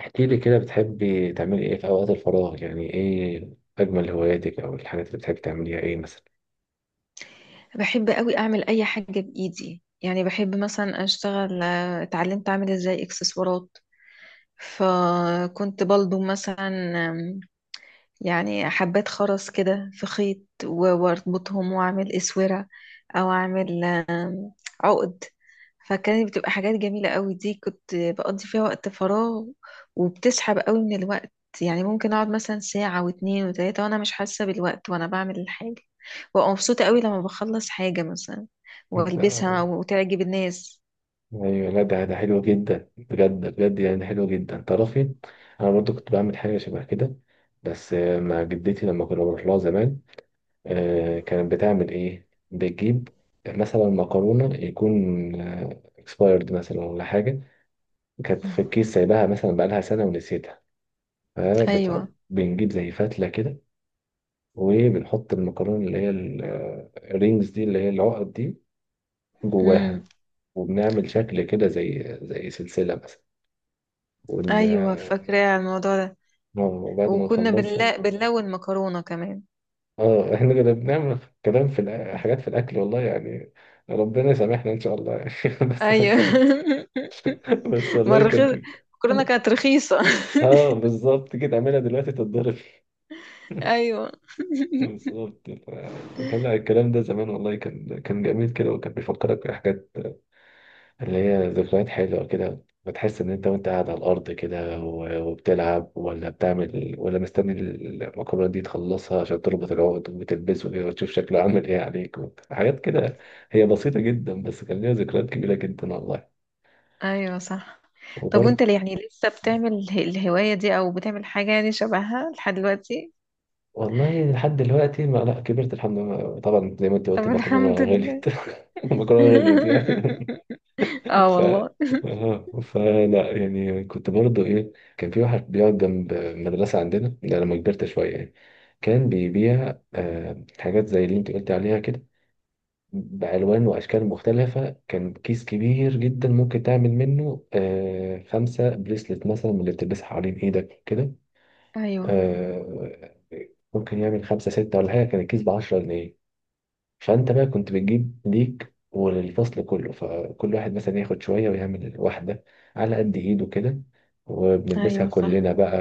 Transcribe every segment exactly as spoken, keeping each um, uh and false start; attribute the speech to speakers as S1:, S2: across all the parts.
S1: احكي لي كده، بتحبي تعملي ايه في اوقات الفراغ؟ يعني ايه اجمل هواياتك او الحاجات اللي بتحبي تعمليها، ايه مثلا؟
S2: بحب قوي اعمل اي حاجه بايدي. يعني بحب مثلا اشتغل، آه، اتعلمت اعمل ازاي اكسسوارات. فكنت بلضم مثلا، آم، يعني حبات خرز كده في خيط و- واربطهم واعمل اسوره، او اعمل آه، عقد. فكانت بتبقى حاجات جميلة قوي. دي كنت بقضي فيها وقت فراغ، وبتسحب قوي من الوقت. يعني ممكن اقعد مثلا ساعة واتنين وتلاتة وانا مش حاسة بالوقت وانا بعمل الحاجة، وابقى مبسوطة قوي لما بخلص حاجة مثلا والبسها
S1: انت-
S2: وتعجب الناس.
S1: ايوه، لا ده ده حلو جدا، بجد بجد، يعني حلو جدا تعرفي. انا برضو كنت بعمل حاجه شبه كده، بس آه، مع جدتي لما كنا بنروح لها زمان. آه، كانت بتعمل ايه؟ بتجيب مثلا مكرونه يكون اكسبايرد مثلا ولا حاجه، كانت في الكيس سايباها مثلا بقالها سنه ونسيتها.
S2: ايوه.
S1: فبت- بنجيب زي فتله كده، وبنحط المكرونة اللي هي الرينجز دي، اللي هي العقد دي،
S2: امم.
S1: جواها. وبنعمل شكل كده زي زي سلسلة مثلا. ون...
S2: ايوه، فاكرة على الموضوع ده.
S1: وبعد ما
S2: وكنا
S1: نخلصها.
S2: بنلا... بنلون مكرونة كمان.
S1: اه احنا كده بنعمل كلام في الأ- حاجات في الأكل والله يعني، ربنا يسامحنا إن شاء الله يعني. بس
S2: ايوه.
S1: ك... بس
S2: ما
S1: والله كانت.
S2: الرخيص، المكرونة كانت رخيصة.
S1: اه بالظبط كده، اعملها دلوقتي تتضرب.
S2: ايوه.
S1: بالظبط ف- كان الكلام ده زمان والله، كان كان جميل كده، وكان بيفكرك بحاجات اللي هي ذكريات حلوة كده. بتحس إن أنت وأنت قاعد على الأرض كده و- وبتلعب ولا بتعمل ولا مستني المكرونة دي تخلصها عشان تربط العقد وتلبسه إيه وتشوف شكله عامل إيه عليك. حاجات كده، هي بسيطة جدا بس كان ليها ذكريات كبيرة جدا والله.
S2: ايوه صح. طب
S1: وبرضه،
S2: وانت اللي يعني لسه بتعمل اله- الهواية دي او بتعمل حاجة يعني شبهها لحد دلوقتي؟
S1: والله لحد دلوقتي ما، لا كبرت الحمد لله طبعا، زي ما أنت
S2: طب
S1: قلت، المكرونة
S2: الحمد
S1: غليت.
S2: لله.
S1: المكرونة غليت يعني.
S2: اه
S1: ف
S2: والله.
S1: اه فلا، يعني كنت برضه ايه، كان في واحد بيقعد جنب مدرسة عندنا ده لما كبرت شوية يعني. كان بيبيع آه حاجات زي اللي انت قلت عليها كده، بألوان وأشكال مختلفة. كان كيس كبير جدا ممكن تعمل منه آه خمسة بريسلت مثلا، من اللي بتلبسها حوالين ايدك كده.
S2: ايوه.
S1: آه، ممكن يعمل خمسة ستة ولا حاجة، كان الكيس بعشرة جنيه. فانت بقى كنت بتجيب ليك وللفصل كله، فكل واحد مثلا ياخد شوية ويعمل واحدة على قد ايده كده، وبنلبسها
S2: ايوه صح.
S1: كلنا بقى.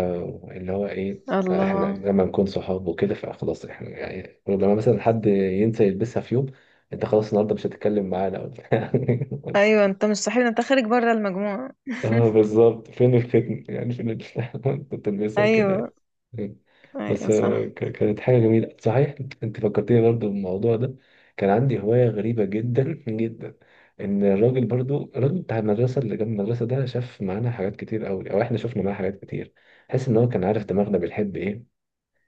S1: اللي هو ايه، احنا
S2: الله.
S1: لما نكون صحاب وكده فخلاص احنا يعني، لما مثلا حد ينسى يلبسها في يوم، انت خلاص النهارده مش هتتكلم معانا. بس
S2: ايوه انت مش صاحبنا، انت خارج بره المجموعة.
S1: اه، بالظبط، فين الختم يعني، فين ال- كنت بلبسها كده
S2: ايوه.
S1: يعني. بس
S2: ايوه
S1: آه،
S2: صح.
S1: ك- كانت حاجة جميلة صحيح، انت، أنت فكرتني برضو بالموضوع ده. كان عندي هواية غريبة جدا جدا، ان الراجل برضو، الراجل بتاع المدرسة اللي جنب المدرسة ده، شاف معانا حاجات كتير قوي او احنا شفنا معاه حاجات كتير. حس ان هو كان عارف دماغنا بنحب ايه.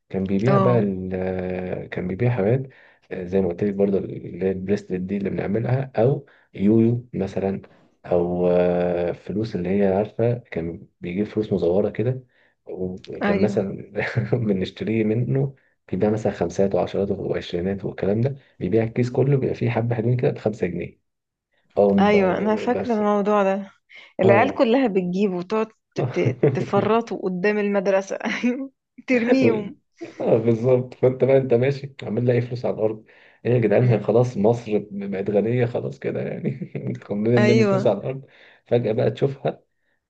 S1: كان بيبيع بقى
S2: اه.
S1: ال- آه، كان بيبيع حاجات آه، زي ما قلت لك برضه، اللي هي البريسلت دي اللي بنعملها، او يويو مثلا، او آه، فلوس اللي هي عارفه، كان بيجيب فلوس مزوره كده. وكان
S2: ايوه.
S1: مثلا بنشتريه منه، بيبيع مثلا خمسات وعشرات وعشرينات والكلام ده، بيبيع الكيس كله، بيبقى فيه حبه حلوين كده بخمسة جنيه. اه
S2: ايوه انا
S1: ب-
S2: فاكرة
S1: بس.
S2: الموضوع ده، العيال
S1: اه
S2: كلها بتجيب وتقعد ت- ت- تفرطوا قدام المدرسة. ايوه. ترميهم.
S1: اه بالظبط، فانت بقى انت ماشي عمال لاقي فلوس على الارض، ايه يا جدعان، هي
S2: أمم.
S1: خلاص مصر بقت غنيه خلاص كده يعني؟ كلنا نرمي فلوس
S2: ايوه
S1: على الارض. فجاه بقى تشوفها،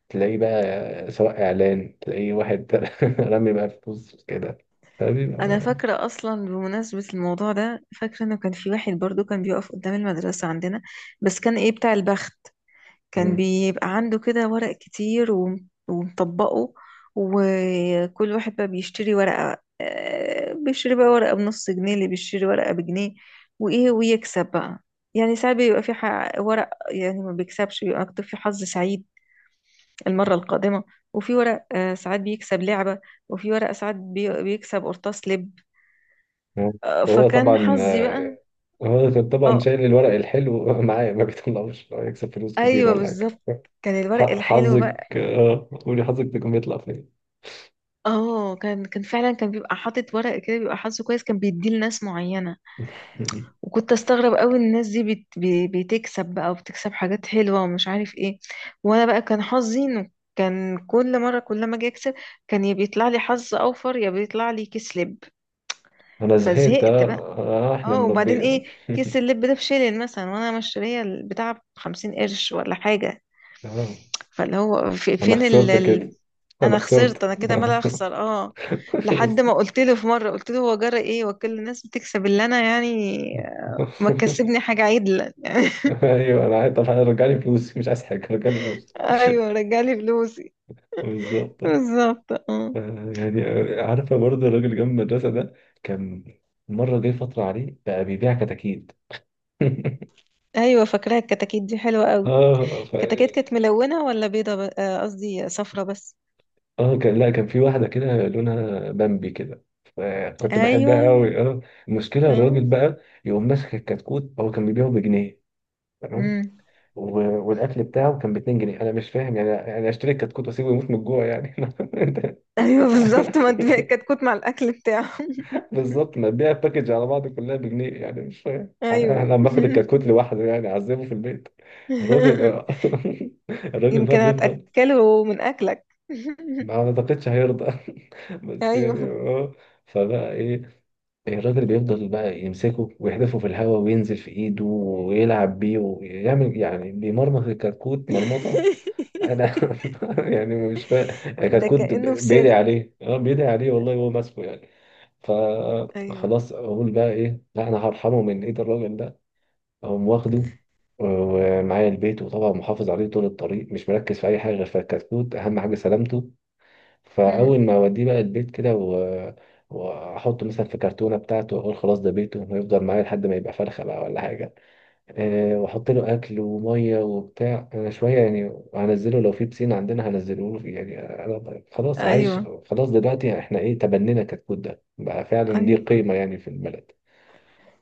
S1: تلاقي بقى سواء اعلان تلاقي واحد رمي بقى فلوس كده،
S2: انا
S1: فبيبقى.
S2: فاكره اصلا بمناسبه الموضوع ده، فاكره انه كان في واحد برضو كان بيقف قدام المدرسه عندنا. بس كان ايه؟ بتاع البخت. كان
S1: مم.
S2: بيبقى عنده كده ورق كتير وم- ومطبقه. وكل واحد بقى بيشتري ورقه، آه، بيشتري بقى ورقه بنص جنيه، اللي بيشتري ورقه بجنيه وايه ويكسب بقى. يعني ساعات بيبقى في ح- ورق يعني ما بيكسبش بيبقى مكتوب فيه حظ سعيد المره القادمه. وفي ورق آه، ساعات بيكسب لعبه. وفي ورق ساعات بي- بيكسب قرطاس لب. آه،
S1: هو
S2: فكان
S1: طبعا
S2: حظي بقى.
S1: آه، هو كان طبعا
S2: اه.
S1: شايل الورق الحلو معايا ما بيطلعوش، هو يكسب فلوس كتير
S2: ايوه
S1: ولا حاجه.
S2: بالظبط. كان الورق
S1: ح-
S2: الحلو
S1: حظك
S2: بقى.
S1: آه، قولي حظك تكون بيطلع فين.
S2: اه كان كان فعلا كان بيبقى حاطط ورق كده بيبقى حظه كويس، كان بيديه لناس معينه. وكنت استغرب قوي الناس دي بت... بي- بتكسب بقى، وبتكسب حاجات حلوه ومش عارف ايه. وانا بقى كان حظي انه كان كل مره كل ما اجي اكسب كان يا بيطلع لي حظ اوفر يا بيطلع لي كسلب.
S1: انا زهقت
S2: فزهقت
S1: اه.
S2: بقى.
S1: آه، احنا
S2: اه وبعدين
S1: مربي.
S2: ايه، كيس اللب ده بشيلن مثلا وانا مشتريه البتاع بخمسين قرش ولا حاجه.
S1: آه.
S2: فاللي هو في
S1: انا
S2: فين ال...
S1: خسرت
S2: ال...
S1: كده، انا
S2: انا خسرت،
S1: خسرت.
S2: انا كده مال اخسر. اه لحد ما قلت له في مره، قلت له هو جرى ايه وكل الناس بتكسب اللي انا يعني؟ ما تكسبني حاجه عدله يعني.
S1: ايوه انا عايز، طب رجع لي فلوسي. مش عايز حاجه، رجع لي فلوسي.
S2: ايوه، رجعلي فلوسي.
S1: بالظبط.
S2: بالظبط اه.
S1: آه، يعني آه، عارفه برضه الراجل جنب المدرسه ده، كان، مره جه فتره عليه بقى بيبيع كتاكيت.
S2: ايوه فاكراها الكتاكيت دي حلوه قوي.
S1: اه.
S2: الكتاكيت كانت ملونه ولا بيضه ب- آه، قصدي صفرة بس.
S1: اه كان، لا كان في واحدة كده لونها بامبي كده، فكنت
S2: ايوه.
S1: بحبها قوي اه. المشكلة، الراجل
S2: اه.
S1: بقى يقوم ماسك الكتكوت، هو كان بيبيعه بجنيه، تمام،
S2: امم.
S1: و- والاكل بتاعه كان ب اتنين جنيه. انا مش فاهم يعني، يعني اشتري الكتكوت واسيبه يموت من الجوع يعني؟ أنت-
S2: ايوه بالظبط، ما انت كتكوت مع الاكل بتاعه.
S1: بالظبط، ما تبيع الباكج على بعض كلها بجنيه يعني، مش فاهم انا،
S2: ايوه.
S1: أنا لما اخد الكتكوت لوحده يعني اعذبه في البيت. الراجل آه. الراجل بقى
S2: يمكن
S1: بيفضل.
S2: هتاكله من اكلك.
S1: ما اعتقدش هيرضى. بس
S2: ايوه.
S1: يعني اه. فبقى ايه، الراجل بيفضل بقى يمسكه ويحدفه في الهواء وينزل في ايده ويلعب بيه ويعمل يعني، بيمرمط الكتكوت مرمطة. انا يعني مش فاهم.
S2: ده
S1: الكتكوت ب-
S2: كأنه في
S1: بيدعي
S2: سيرك.
S1: عليه اه، بيدعي عليه والله هو ماسكه يعني.
S2: ايوه.
S1: فخلاص اقول بقى ايه، لا انا هرحمه من ايد الراجل ده، اقوم واخده آه، ومعايا البيت، وطبعا محافظ عليه طول الطريق، مش مركز في اي حاجه غير في الكتكوت، اهم حاجه سلامته.
S2: مم.
S1: فاول ما اوديه بقى البيت كده و... واحطه مثلا في كرتونه بتاعته واقول خلاص ده بيته، ويفضل معايا لحد ما يبقى فرخه بقى ولا حاجه. أه، واحط له اكل وميه وبتاع انا شويه يعني، هنزله لو في بسين عندنا هنزله له يعني، أنا خلاص عايش.
S2: ايوه.
S1: خلاص دلوقتي احنا ايه، تبنينا كتكوت، ده بقى فعلا ليه
S2: ايوه
S1: قيمه يعني في البلد.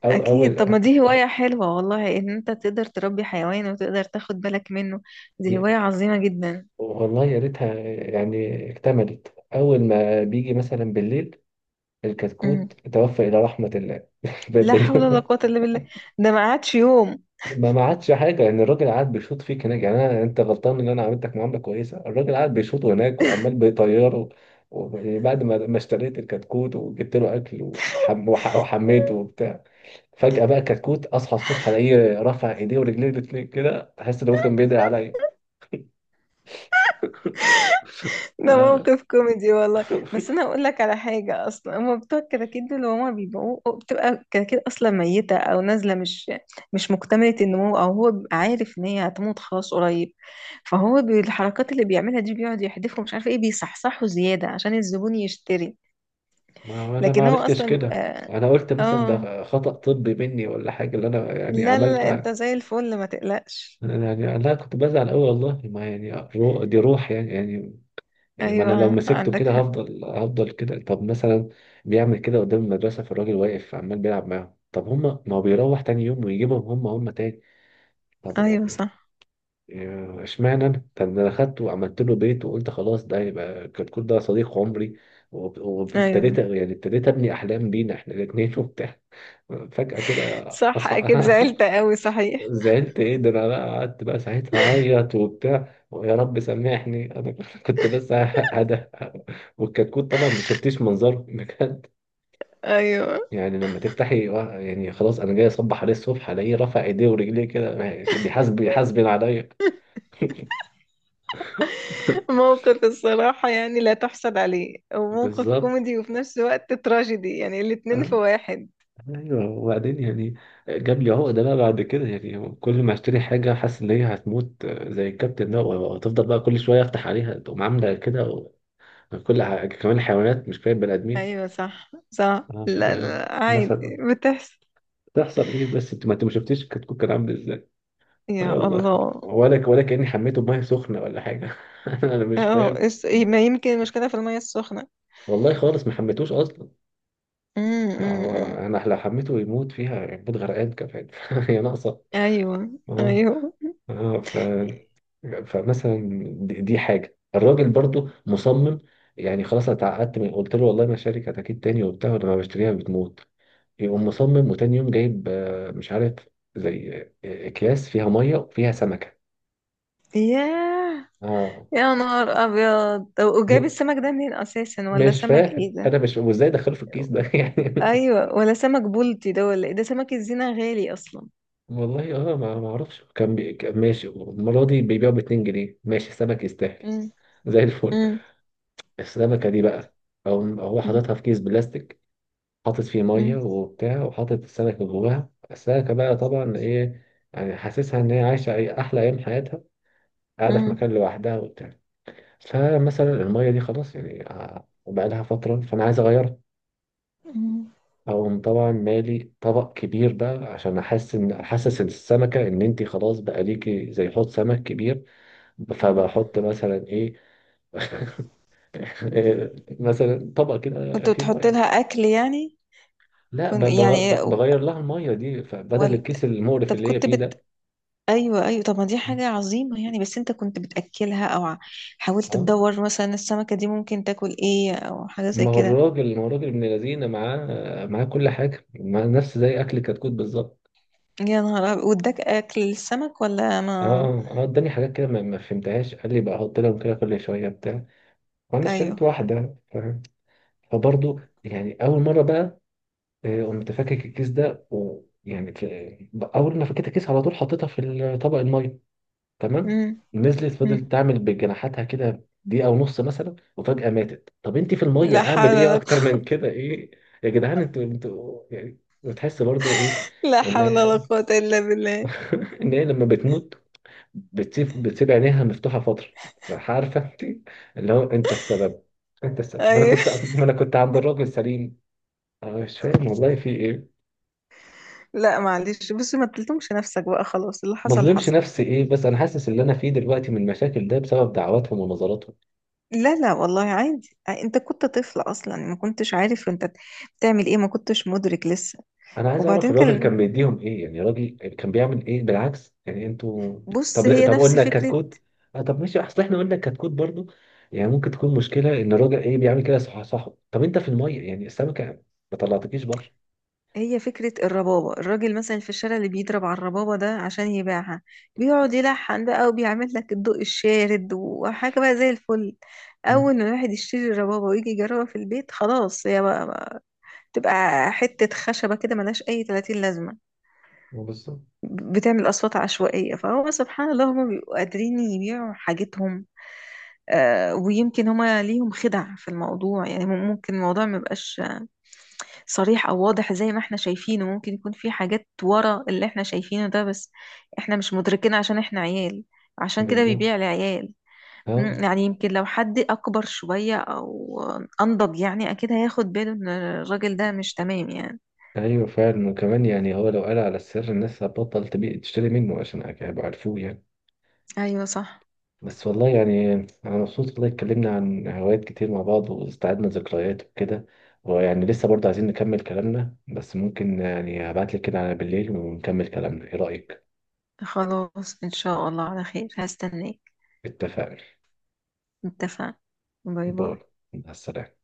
S1: او
S2: اكيد، طب
S1: اول
S2: ما دي هواية حلوة والله ان انت تقدر تربي حيوان وتقدر تاخد بالك منه. دي هواية
S1: ي-
S2: عظيمة جدا.
S1: والله يا ريتها يعني اكتملت. اول ما بيجي مثلا بالليل،
S2: مم.
S1: الكتكوت توفى الى رحمه الله.
S2: لا حول ولا
S1: بن-
S2: قوة الا بالله. ده ما قعدش يوم.
S1: ما ما عادش حاجه يعني. الراجل قاعد بيشوط فيك هناك يعني، انا، انت غلطان ان انا عملتك معامله كويسه، الراجل قاعد بيشوطه هناك وعمال بيطيره. وبعد ما ما اشتريت الكتكوت وجبت له اكل، وحم وح- وحميته وبتاع، فجاه بقى كتكوت اصحى الصبح الاقيه رافع ايديه ورجليه الاتنين كده، تحس ان هو كان بيدعي عليا.
S2: ده
S1: آه.
S2: موقف كوميدي والله. بس انا اقول لك على حاجه، اصلا هما بتوع الكراكيب دول هما بيبقوا بتبقى الكراكيب اصلا ميته او نازله مش مش مكتمله النمو، او هو بيبقى عارف ان هي هتموت خلاص قريب. فهو بالحركات اللي بيعملها دي بيقعد يحدفهم مش عارفه ايه بيصحصحوا زياده عشان الزبون يشتري.
S1: ما هو انا ما
S2: لكن هو
S1: عرفتش
S2: اصلا
S1: كده،
S2: بيبقى.
S1: انا قلت مثلا
S2: اه.
S1: ده خطأ طبي مني ولا حاجه اللي انا يعني
S2: لا لا لا انت
S1: عملتها.
S2: زي الفل، ما تقلقش.
S1: أنا يعني انا كنت بزعل قوي والله ما يعني رو- دي روح يعني يعني، يعني ما انا لو
S2: ايوه
S1: مسكته
S2: عندك
S1: كده
S2: حق.
S1: هفضل هفضل كده. طب مثلا، بيعمل كده قدام المدرسه فالراجل واقف عمال بيلعب معاهم، طب هما ما هو بيروح تاني يوم ويجيبهم هما هما تاني، طب
S2: ايوه
S1: يعني
S2: صح.
S1: آه، اشمعنى انا؟ طب ده انا خدته وعملت له بيت وقلت خلاص ده يبقى كتكوت، ده صديق عمري، وب- وابتديت
S2: ايوه
S1: يعني، ابتديت ابني احلام بينا احنا الاثنين وبتاع، فجاه كده
S2: صح. اكيد
S1: اصحى.
S2: زعلت قوي صحيح.
S1: زعلت، ايه ده، انا بقى قعدت بقى ساعتها اعيط وبتاع، ويا رب سامحني انا كنت، بس هدى. والكتكوت طبعا ما شفتيش منظره بجد
S2: ايوه،
S1: يعني، لما تفتحي وا- يعني خلاص انا جاي اصبح عليه الصبح الاقيه رافع ايديه ورجليه كده. بيحاسب بيحاسبن عليا.
S2: موقف الصراحة يعني لا تحصل عليه، وموقف
S1: بالظبط،
S2: كوميدي وفي نفس الوقت تراجيدي يعني الاتنين في
S1: اه،
S2: واحد.
S1: ايوه وبعدين يعني جاب لي عقده بقى بعد كده، يعني كل ما اشتري حاجه حاسس ان هي هتموت آه، زي الكابتن ده، وتفضل بقى كل شويه افتح عليها تقوم عامله كده و- كل ح- كمان الحيوانات مش كفايه البني ادمين.
S2: أيوة صح صح،
S1: اه
S2: لا
S1: يعني
S2: لا عادي
S1: مثلا،
S2: بتحصل.
S1: تحصل ايه بس، انت ما انت ما شفتيش الكتكوت كان عامل.
S2: يا
S1: يلا،
S2: الله.
S1: ولا ولا كأني حميته بميه سخنة ولا حاجة. أنا مش
S2: اه،
S1: فاهم.
S2: اس- ما يمكن المشكلة في المية السخنة.
S1: والله خالص ما حميتوش أصلا،
S2: أمم، أمم،
S1: هو
S2: أمم.
S1: أنا لو حميته يموت فيها يموت غرقان كمان. هي ناقصة.
S2: أيوة
S1: اه،
S2: أيوة.
S1: اه ف، فمثلا دي, دي حاجة، الراجل برضو مصمم يعني، خلاص أنا اتعقدت من قلت له والله ما شارك أكيد تاني وبتاع ولما بشتريها بتموت. يقوم مصمم وتاني يوم جايب آه، مش عارف زي آه، أكياس فيها مية وفيها سمكة.
S2: ياه.
S1: اه.
S2: يا نهار أبيض، طب وجايب السمك ده منين أساسا؟ ولا
S1: مش
S2: سمك
S1: فاهم
S2: إيه ده؟
S1: انا، مش وازاي دخله في الكيس ده. يعني،
S2: أيوة ولا سمك بولتي ده ولا إيه ده؟ سمك الزينة غالي أصلا.
S1: والله اه، ما ما اعرفش، كان بي... كان ماشي المره دي بيبيعوا ب اتنين جنيه ماشي، السمك يستاهل.
S2: أمم،
S1: زي الفل.
S2: أمم،
S1: السمكه دي بقى، او هو حاططها في كيس بلاستيك، حاطط فيه ميه
S2: أمم،
S1: وبتاع، وحاطط السمك جواها، السمكه بقى طبعا ايه، يعني حاسسها ان هي عايشه أي- احلى ايام حياتها، قاعده في
S2: أمم،
S1: مكان لوحدها وبتاع. فمثلا الميه دي خلاص يعني آه، بقى لها فتره فانا عايز اغيرها،
S2: أمم.
S1: اقوم طبعا مالي طبق كبير بقى عشان احس ان، احسس السمكه ان انت خلاص بقى ليكي زي حوض سمك كبير. فبحط مثلا ايه، مثلا طبق كده
S2: كنت
S1: فيه
S2: بتحط لها
S1: ميه.
S2: اكل يعني؟
S1: لا
S2: كنت
S1: ب-
S2: يعني
S1: بغ- بغير لها الميه دي، فبدل
S2: ولا.
S1: الكيس المقرف
S2: طب
S1: اللي هي
S2: كنت
S1: فيه
S2: بت.
S1: ده.
S2: ايوه ايوه، طب ما دي حاجه عظيمه يعني، بس انت كنت بتاكلها او ع- حاولت
S1: اه،
S2: تدور مثلا السمكه دي ممكن تاكل ايه او حاجه زي
S1: ما هو
S2: كده؟
S1: الراجل ما هو الراجل ابن لذينه، معاه، معاه كل حاجه مع نفس، زي اكل كتكوت بالظبط.
S2: يا نهار أبيض. واداك اكل السمك ولا
S1: اه،
S2: ما؟
S1: اه آه، اداني حاجات كده ما ما فهمتهاش، قال لي بقى احط لهم كده كل شويه بتاع، وانا
S2: ايوه.
S1: اشتريت واحده. فبرضه يعني اول مره بقى آه، قمت فاكك الكيس ده ويعني في- اول ما فكيت الكيس على طول حطيتها في ال- طبق الميه، تمام.
S2: امم.
S1: نزلت
S2: أمم.
S1: فضلت تعمل بجناحاتها كده دقيقه ونص مثلا، وفجاه ماتت. طب انت في الميه
S2: لا
S1: اعمل
S2: حول
S1: ايه
S2: ولا
S1: اكتر
S2: قوة.
S1: من كده ايه؟ يا جدعان، انتوا انتوا يعني بتحس برضه ايه،
S2: لا حول ولا
S1: ان
S2: قوة إلا بالله.
S1: ان هي لما بتموت بتسيب بتسيب عينيها مفتوحه فتره. عارفه انت، اللي هو انت السبب، انت السبب، ما انا
S2: أيوه.
S1: كنت ما انا كنت عند الراجل سليم. أنا مش فاهم والله في ايه.
S2: لا معلش بصي، ما تلتمش نفسك بقى خلاص، اللي
S1: ما
S2: حصل
S1: ظلمش
S2: حصل.
S1: نفسي ايه، بس انا حاسس اللي انا فيه دلوقتي من المشاكل ده بسبب دعواتهم ونظراتهم.
S2: لا لا والله عادي، انت كنت طفل اصلا ما كنتش عارف انت بتعمل ايه، ما كنتش مدرك لسه.
S1: انا عايز اعرف
S2: وبعدين
S1: الراجل
S2: كان.
S1: كان بيديهم ايه يعني، الراجل كان بيعمل ايه بالعكس يعني انتوا.
S2: بص،
S1: طب
S2: هي
S1: طب
S2: نفس
S1: قلنا
S2: فكرة.
S1: كتكوت، آه طب ماشي، اصل احنا قلنا كتكوت برضو يعني، ممكن تكون مشكلة ان الراجل ايه بيعمل كده، صح صح، طب انت في المية يعني السمكة، ما طلعتكيش بره.
S2: هي فكرة الربابة، الراجل مثلا في الشارع اللي بيضرب على الربابة ده عشان يبيعها بيقعد يلحن بقى وبيعمل لك الضوء الشارد وحاجة بقى زي الفل.
S1: مم.
S2: أول ما الواحد يشتري الربابة ويجي يجربها في البيت خلاص هي بقى, بقى تبقى حتة خشبة كده ملهاش أي تلاتين لازمة.
S1: بالظبط،
S2: بتعمل أصوات عشوائية. فهو سبحان الله هما بيبقوا قادرين يبيعوا حاجتهم. آه، ويمكن هما ليهم خدع في الموضوع، يعني مم- ممكن الموضوع ما يبقاش صريح او واضح زي ما احنا شايفينه، ممكن يكون في حاجات ورا اللي احنا شايفينه ده، بس احنا مش مدركين عشان احنا عيال. عشان كده بيبيع
S1: بالظبط
S2: لعيال.
S1: اه.
S2: مم، يعني يمكن لو حد اكبر شوية او انضج يعني اكيد هياخد باله ان الراجل ده مش تمام يعني.
S1: ايوه فعلا، وكمان يعني هو لو قال على السر الناس هتبطل تبيع تشتري منه، عشان هيبقوا عارفوه يعني.
S2: ايوه صح.
S1: بس والله يعني، أنا مبسوط والله، اتكلمنا عن هوايات كتير مع بعض واستعدنا ذكريات وكده، ويعني لسه برضه عايزين نكمل كلامنا، بس ممكن يعني هبعتلك كده على بالليل ونكمل كلامنا، إيه رأيك؟
S2: خلاص ان شاء الله على خير، هستناك.
S1: اتفقنا.
S2: اتفقنا. باي
S1: باي.
S2: باي.
S1: مع السلامة.